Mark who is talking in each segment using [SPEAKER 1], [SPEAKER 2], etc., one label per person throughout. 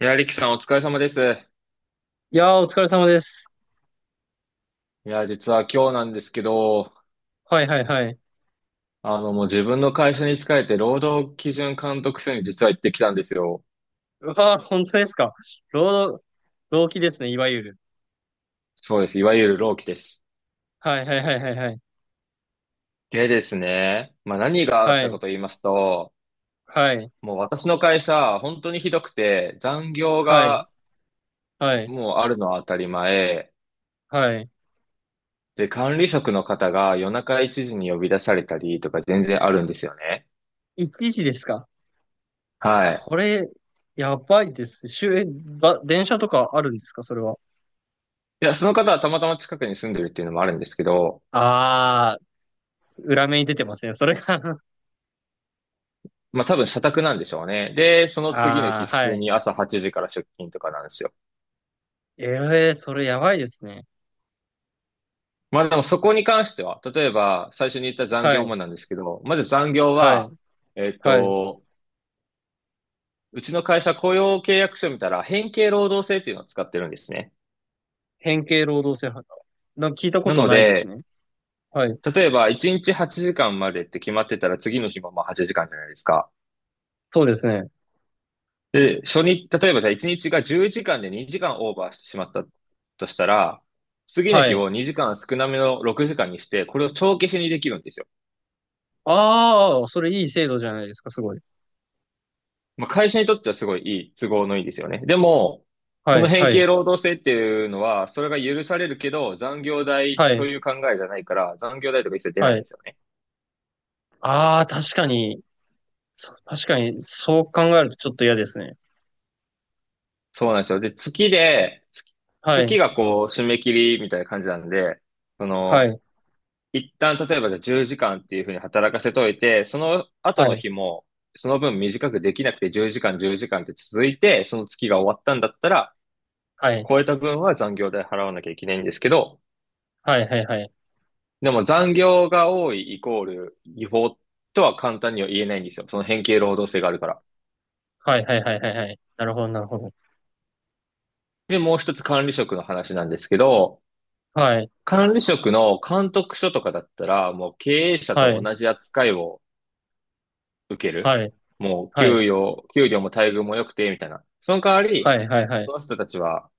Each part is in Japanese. [SPEAKER 1] いや、リキさんお疲れ様です。
[SPEAKER 2] いやー、お疲れ様です。
[SPEAKER 1] いや、実は今日なんですけど、
[SPEAKER 2] はいはいはい。
[SPEAKER 1] もう自分の会社に仕えて労働基準監督署に実は行ってきたんですよ。
[SPEAKER 2] うわー、本当ですか。労働、労基ですね、いわゆる。
[SPEAKER 1] そうです。いわゆる労基です。
[SPEAKER 2] はいはいはいはいはい。
[SPEAKER 1] でですね、まあ何があっ
[SPEAKER 2] は
[SPEAKER 1] たか
[SPEAKER 2] い、
[SPEAKER 1] と言いますと、
[SPEAKER 2] はい、
[SPEAKER 1] もう私の会社、本当にひどくて、残業
[SPEAKER 2] はい、
[SPEAKER 1] が
[SPEAKER 2] はい、
[SPEAKER 1] もうあるのは当たり前。
[SPEAKER 2] はい。
[SPEAKER 1] で、管理職の方が夜中1時に呼び出されたりとか全然あるんですよね。
[SPEAKER 2] 1時ですか。
[SPEAKER 1] はい。
[SPEAKER 2] それ、やばいです。週、えば、電車とかあるんですか、それは。
[SPEAKER 1] いや、その方はたまたま近くに住んでるっていうのもあるんですけど、
[SPEAKER 2] あー、裏目に出てますね、それが
[SPEAKER 1] まあ多分社宅なんでしょうね。で、その次の日
[SPEAKER 2] あー、
[SPEAKER 1] 普
[SPEAKER 2] は
[SPEAKER 1] 通
[SPEAKER 2] い。
[SPEAKER 1] に朝8時から出勤とかなんですよ。
[SPEAKER 2] えー、それやばいですね。
[SPEAKER 1] まあでもそこに関しては、例えば最初に言った残
[SPEAKER 2] は
[SPEAKER 1] 業も
[SPEAKER 2] い、
[SPEAKER 1] なんですけど、まず残業
[SPEAKER 2] は
[SPEAKER 1] は、
[SPEAKER 2] い、
[SPEAKER 1] えっ
[SPEAKER 2] はい。
[SPEAKER 1] と、うちの会社雇用契約書見たら変形労働制っていうのを使ってるんですね。
[SPEAKER 2] 変形労働制覇。なんか聞いたこ
[SPEAKER 1] な
[SPEAKER 2] と
[SPEAKER 1] の
[SPEAKER 2] ないです
[SPEAKER 1] で、
[SPEAKER 2] ね。はい、
[SPEAKER 1] 例えば1日8時間までって決まってたら次の日もまあ8時間じゃないですか。
[SPEAKER 2] そうですね。
[SPEAKER 1] で、初日、例えばじゃあ1日が10時間で2時間オーバーしてしまったとしたら、次の
[SPEAKER 2] は
[SPEAKER 1] 日
[SPEAKER 2] い。
[SPEAKER 1] を2時間少なめの6時間にして、これを帳消しにできるんですよ。
[SPEAKER 2] ああ、それいい制度じゃないですか、すごい。
[SPEAKER 1] まあ、会社にとってはすごいいい、都合のいいですよね。でも、
[SPEAKER 2] は
[SPEAKER 1] その
[SPEAKER 2] い、
[SPEAKER 1] 変
[SPEAKER 2] は
[SPEAKER 1] 形
[SPEAKER 2] い、
[SPEAKER 1] 労働制っていうのは、それが許されるけど、残業代
[SPEAKER 2] は
[SPEAKER 1] と
[SPEAKER 2] い、
[SPEAKER 1] いう考えじゃないから、残業代とか一切出ない
[SPEAKER 2] は
[SPEAKER 1] んで
[SPEAKER 2] い。
[SPEAKER 1] すよね。
[SPEAKER 2] ああ、確かに、そう考えるとちょっと嫌ですね。
[SPEAKER 1] そうなんですよ。で、
[SPEAKER 2] は
[SPEAKER 1] 月
[SPEAKER 2] い、
[SPEAKER 1] がこう、締め切りみたいな感じなんで、そ
[SPEAKER 2] は
[SPEAKER 1] の、
[SPEAKER 2] い、
[SPEAKER 1] 一旦、例えばじゃあ10時間っていうふうに働かせといて、その後
[SPEAKER 2] は
[SPEAKER 1] の
[SPEAKER 2] い、
[SPEAKER 1] 日も、その分短くできなくて10時間って続いて、その月が終わったんだったら、
[SPEAKER 2] はい、
[SPEAKER 1] 超えた分は残業代払わなきゃいけないんですけど、
[SPEAKER 2] はい、はい、はい、
[SPEAKER 1] でも残業が多いイコール違法とは簡単には言えないんですよ。その変形労働性があるから。
[SPEAKER 2] はい、はい、はい、はい、はい。なるほど、なるほど。
[SPEAKER 1] で、もう一つ管理職の話なんですけど、
[SPEAKER 2] はい、
[SPEAKER 1] 管理職の監督署とかだったら、もう経営者
[SPEAKER 2] は
[SPEAKER 1] と
[SPEAKER 2] い、
[SPEAKER 1] 同じ扱いを受ける。
[SPEAKER 2] はい、
[SPEAKER 1] もう、
[SPEAKER 2] はい、
[SPEAKER 1] 給料も待遇も良くて、みたいな。その代わ
[SPEAKER 2] は
[SPEAKER 1] り、
[SPEAKER 2] い、はい、は
[SPEAKER 1] そ
[SPEAKER 2] い、
[SPEAKER 1] の人たちは、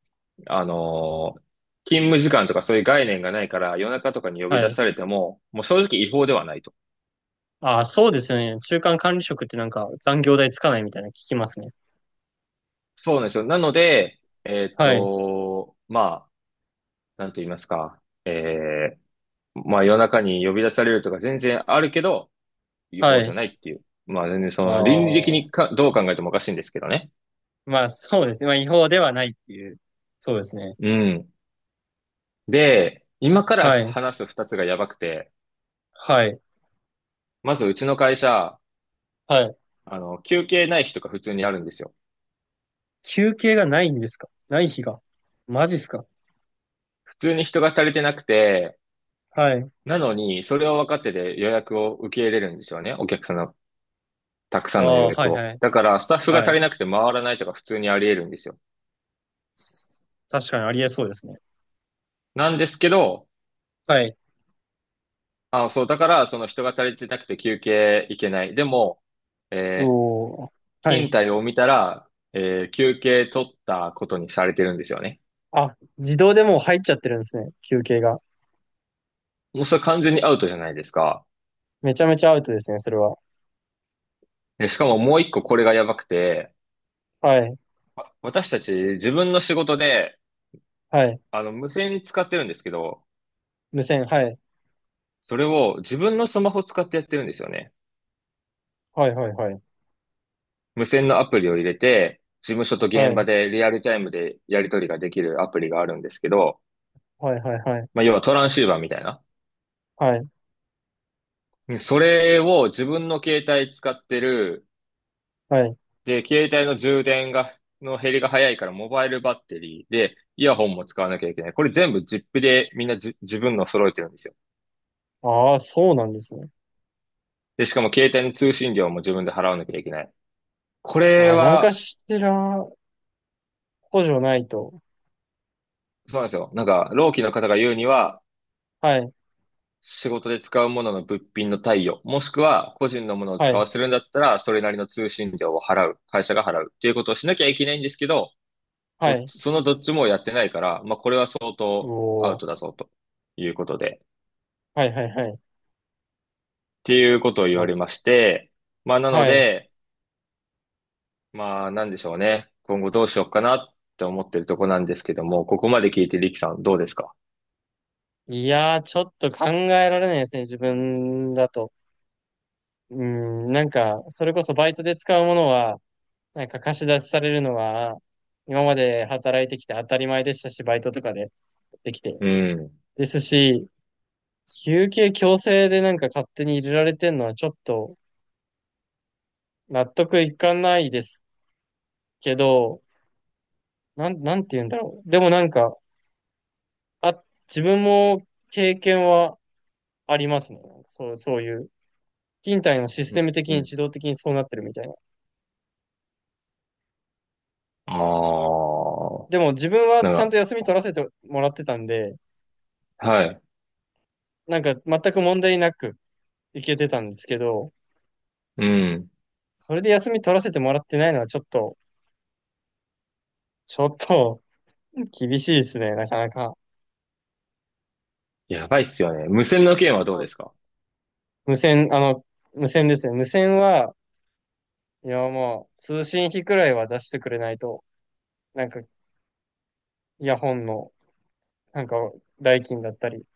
[SPEAKER 1] あのー勤務時間とかそういう概念がないから、夜中とかに呼び
[SPEAKER 2] は
[SPEAKER 1] 出
[SPEAKER 2] い。
[SPEAKER 1] されても、もう正直違法ではないと。
[SPEAKER 2] ああ、そうですよね。中間管理職ってなんか残業代つかないみたいなの聞きますね。
[SPEAKER 1] そうなんですよ。なので、
[SPEAKER 2] はい、
[SPEAKER 1] まあ、なんと言いますか、まあ夜中に呼び出されるとか全然あるけど、違
[SPEAKER 2] は
[SPEAKER 1] 法じゃ
[SPEAKER 2] い。
[SPEAKER 1] ないっていう。まあ全然その倫理的
[SPEAKER 2] ああ、
[SPEAKER 1] にか、どう考えてもおかしいんですけどね。
[SPEAKER 2] まあそうですね。まあ違法ではないっていう。そうですね。
[SPEAKER 1] うん。で、今から
[SPEAKER 2] はい、
[SPEAKER 1] 話す二つがやばくて、
[SPEAKER 2] はい、
[SPEAKER 1] まずうちの会社、
[SPEAKER 2] はい。
[SPEAKER 1] 休憩ない日とか普通にあるんですよ。
[SPEAKER 2] 休憩がないんですか、ない日が。マジっすか？
[SPEAKER 1] 普通に人が足りてなくて、
[SPEAKER 2] はい。
[SPEAKER 1] なのに、それを分かってで予約を受け入れるんですよね。お客さんのたくさ
[SPEAKER 2] あ
[SPEAKER 1] んの予
[SPEAKER 2] あ、は
[SPEAKER 1] 約
[SPEAKER 2] い
[SPEAKER 1] を。
[SPEAKER 2] はい。
[SPEAKER 1] だから、スタッフが
[SPEAKER 2] は
[SPEAKER 1] 足り
[SPEAKER 2] い。
[SPEAKER 1] なくて回らないとか普通にあり得るんですよ。
[SPEAKER 2] 確かにありえそうですね。
[SPEAKER 1] なんですけど、
[SPEAKER 2] はい。
[SPEAKER 1] あ、そう、だから、その人が足りてなくて休憩いけない。でも、えー
[SPEAKER 2] おお。は
[SPEAKER 1] 勤
[SPEAKER 2] い。
[SPEAKER 1] 怠を見たら、休憩取ったことにされてるんですよね。
[SPEAKER 2] あ、自動でもう入っちゃってるんですね。休憩が。
[SPEAKER 1] もうそれ完全にアウトじゃないですか。
[SPEAKER 2] めちゃめちゃアウトですね、それは。
[SPEAKER 1] でしかももう一個これがやばくて、
[SPEAKER 2] はい。
[SPEAKER 1] 私たち自分の仕事で、
[SPEAKER 2] はい。
[SPEAKER 1] 無線使ってるんですけど、
[SPEAKER 2] 無線、はい。
[SPEAKER 1] それを自分のスマホ使ってやってるんですよね。
[SPEAKER 2] はいはいはい。
[SPEAKER 1] 無線のアプリを入れて、事務所と
[SPEAKER 2] は
[SPEAKER 1] 現場
[SPEAKER 2] い。
[SPEAKER 1] でリアルタイムでやり取りができるアプリがあるんですけど、
[SPEAKER 2] はいはいはい。
[SPEAKER 1] まあ、要はトランシーバーみたいな。
[SPEAKER 2] はい。
[SPEAKER 1] それを自分の携帯使ってる。
[SPEAKER 2] はい。
[SPEAKER 1] で、携帯の減りが早いからモバイルバッテリーで、イヤホンも使わなきゃいけない。これ全部ジップでみんな自分の揃えてるんですよ。
[SPEAKER 2] ああ、そうなんですね。
[SPEAKER 1] で、しかも携帯の通信料も自分で払わなきゃいけない。こ
[SPEAKER 2] あ
[SPEAKER 1] れ
[SPEAKER 2] あ、なんか
[SPEAKER 1] は、
[SPEAKER 2] しら補助ないと。
[SPEAKER 1] そうなんですよ。なんか、労基の方が言うには、
[SPEAKER 2] はい。
[SPEAKER 1] 仕事で使うものの物品の貸与、もしくは個人のものを
[SPEAKER 2] は
[SPEAKER 1] 使
[SPEAKER 2] い。
[SPEAKER 1] わせるんだったら、それなりの通信料を払う、会社が払うっていうことをしなきゃいけないんですけど、
[SPEAKER 2] は
[SPEAKER 1] どっ
[SPEAKER 2] い。
[SPEAKER 1] ち、そのどっちもやってないから、まあ、これは相
[SPEAKER 2] お
[SPEAKER 1] 当アウ
[SPEAKER 2] お。
[SPEAKER 1] トだぞ、ということで、っ
[SPEAKER 2] はいはいはい。
[SPEAKER 1] ていうことを言
[SPEAKER 2] や
[SPEAKER 1] わ
[SPEAKER 2] っ、
[SPEAKER 1] れまして、まあ、なの
[SPEAKER 2] はい。
[SPEAKER 1] で、まあ、なんでしょうね。今後どうしようかなって思ってるとこなんですけども、ここまで聞いてリキさんどうですか？
[SPEAKER 2] いやー、ちょっと考えられないですね、自分だと。うん、なんか、それこそバイトで使うものは、なんか貸し出しされるのは、今まで働いてきて当たり前でしたし、バイトとかでできて。
[SPEAKER 1] うん。
[SPEAKER 2] ですし、休憩強制でなんか勝手に入れられてんのはちょっと納得いかないですけど、なんて言うんだろう。でもなんか、あ、自分も経験はありますね。そう、そういう。勤怠のシス
[SPEAKER 1] うん。
[SPEAKER 2] テム的に
[SPEAKER 1] うん。
[SPEAKER 2] 自動的にそうなってるみたいな。
[SPEAKER 1] ああ。
[SPEAKER 2] でも自分は
[SPEAKER 1] なん
[SPEAKER 2] ちゃん
[SPEAKER 1] か、
[SPEAKER 2] と休み取らせてもらってたんで、
[SPEAKER 1] はい。
[SPEAKER 2] なんか全く問題なく行けてたんですけど、
[SPEAKER 1] うん。
[SPEAKER 2] それで休み取らせてもらってないのはちょっと、ちょっと厳しいですね、なかなか。
[SPEAKER 1] やばいっすよね。無線の件
[SPEAKER 2] 結
[SPEAKER 1] はどうで
[SPEAKER 2] 構、
[SPEAKER 1] すか？
[SPEAKER 2] 無線、あの、無線ですね。無線は、いやもう通信費くらいは出してくれないと、なんかイヤホンの、なんか代金だったり、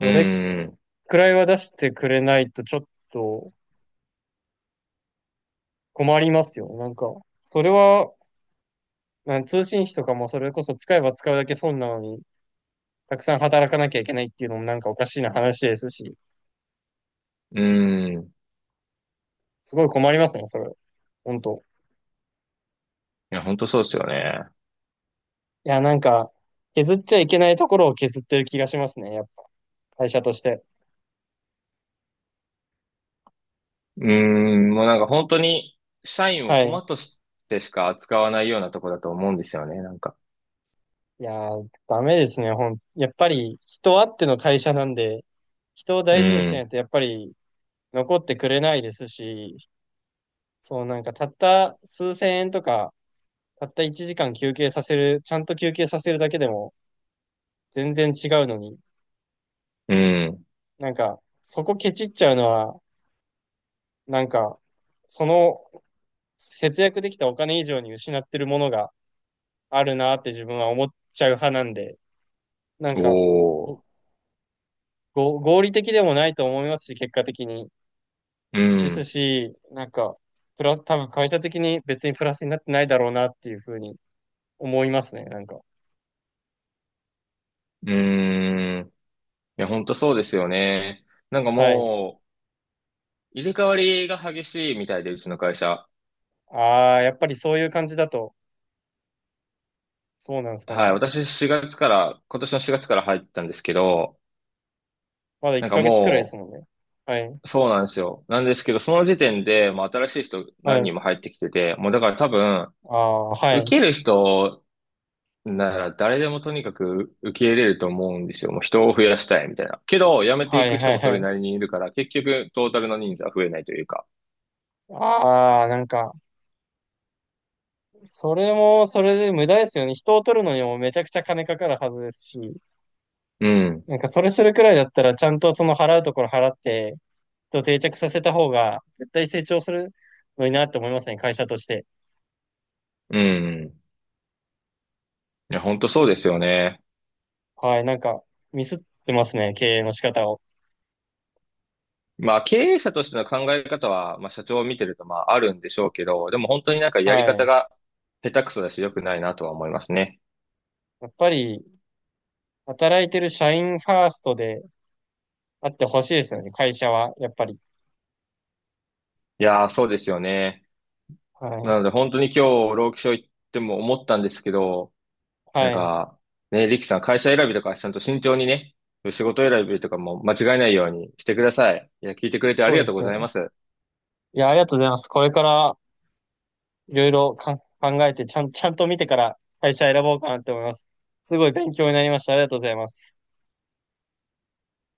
[SPEAKER 1] う
[SPEAKER 2] れ
[SPEAKER 1] ーん。
[SPEAKER 2] くらいは出してくれないとちょっと困りますよ。なんか、それはなん通信費とかもそれこそ使えば使うだけ損なのに、たくさん働かなきゃいけないっていうのもなんかおかしいな話ですし、
[SPEAKER 1] うーん。い
[SPEAKER 2] すごい困りますね、それ。本当。
[SPEAKER 1] や、本当そうですよね。
[SPEAKER 2] いや、なんか、削っちゃいけないところを削ってる気がしますね、やっぱ。会社として。
[SPEAKER 1] うーん。もうなんか本当に、社員を
[SPEAKER 2] は
[SPEAKER 1] 駒
[SPEAKER 2] い。
[SPEAKER 1] としてしか扱わないようなとこだと思うんですよね、なんか。
[SPEAKER 2] いやー、ダメですね。やっぱり、人あっての会社なんで、人を
[SPEAKER 1] う
[SPEAKER 2] 大事にしない
[SPEAKER 1] ん。
[SPEAKER 2] と、やっぱり、残ってくれないですし、そう、なんか、たった数千円とか、たった1時間休憩させる、ちゃんと休憩させるだけでも、全然違うのに、
[SPEAKER 1] うん。
[SPEAKER 2] なんか、そこケチっちゃうのは、なんか、その節約できたお金以上に失ってるものがあるなって自分は思っちゃう派なんで、なんか、
[SPEAKER 1] おー。
[SPEAKER 2] 合理的でもないと思いますし、結果的に。
[SPEAKER 1] う
[SPEAKER 2] です
[SPEAKER 1] ん。
[SPEAKER 2] し、なんか、多分会社的に別にプラスになってないだろうなっていうふうに思いますね、なんか。
[SPEAKER 1] うーん。いや、本当そうですよね。なんか
[SPEAKER 2] はい。
[SPEAKER 1] もう、入れ替わりが激しいみたいで、うちの会社。
[SPEAKER 2] ああ、やっぱりそういう感じだと、そうなんですか
[SPEAKER 1] はい。
[SPEAKER 2] ね。
[SPEAKER 1] 私4月から、今年の4月から入ったんですけど、
[SPEAKER 2] まだ1
[SPEAKER 1] なんか
[SPEAKER 2] ヶ月くらいです
[SPEAKER 1] も
[SPEAKER 2] もん
[SPEAKER 1] う、
[SPEAKER 2] ね。はい。
[SPEAKER 1] そうなんですよ。なんですけど、その時点で、まあ、新しい人
[SPEAKER 2] は
[SPEAKER 1] 何
[SPEAKER 2] い。
[SPEAKER 1] 人も入ってきてて、もうだから多分、
[SPEAKER 2] ああ、は
[SPEAKER 1] 受
[SPEAKER 2] い。
[SPEAKER 1] ける人なら誰でもとにかく受け入れると思うんですよ。もう人を増やしたいみたいな。けど、辞めて
[SPEAKER 2] は
[SPEAKER 1] い
[SPEAKER 2] い、
[SPEAKER 1] く人
[SPEAKER 2] はい、
[SPEAKER 1] もそ
[SPEAKER 2] は
[SPEAKER 1] れ
[SPEAKER 2] い。
[SPEAKER 1] なりにいるから、結局、トータルの人数は増えないというか。
[SPEAKER 2] ああ、なんか、それも、それで無駄ですよね。人を取るのにもめちゃくちゃ金かかるはずですし、
[SPEAKER 1] うん。
[SPEAKER 2] なんかそれするくらいだったら、ちゃんとその払うところ払って、と定着させた方が、絶対成長するのになって思いますね、会社として。
[SPEAKER 1] うん。いや、本当そうですよね。
[SPEAKER 2] はい、なんか、ミスってますね、経営の仕方を。
[SPEAKER 1] まあ、経営者としての考え方は、まあ、社長を見てると、まあ、あるんでしょうけど、でも本当になんか
[SPEAKER 2] は
[SPEAKER 1] やり方
[SPEAKER 2] い。
[SPEAKER 1] が下手くそだし、良くないなとは思いますね。
[SPEAKER 2] やっぱり、働いてる社員ファーストであってほしいですよね、会社は、やっぱり。
[SPEAKER 1] いやー、そうですよね。
[SPEAKER 2] は
[SPEAKER 1] な
[SPEAKER 2] い。
[SPEAKER 1] ので本当に今日、労基署行っても思ったんですけど、なん
[SPEAKER 2] はい。
[SPEAKER 1] か、ね、リキさん会社選びとかちゃんと慎重にね、仕事選びとかも間違えないようにしてください。いや、聞いてくれてあ
[SPEAKER 2] そ
[SPEAKER 1] り
[SPEAKER 2] う
[SPEAKER 1] が
[SPEAKER 2] で
[SPEAKER 1] とう
[SPEAKER 2] す
[SPEAKER 1] ございま
[SPEAKER 2] ね。
[SPEAKER 1] す。
[SPEAKER 2] いや、ありがとうございます。これから、いろいろか考えて、ちゃんと見てから会社選ぼうかなって思います。すごい勉強になりました。ありがとうございます。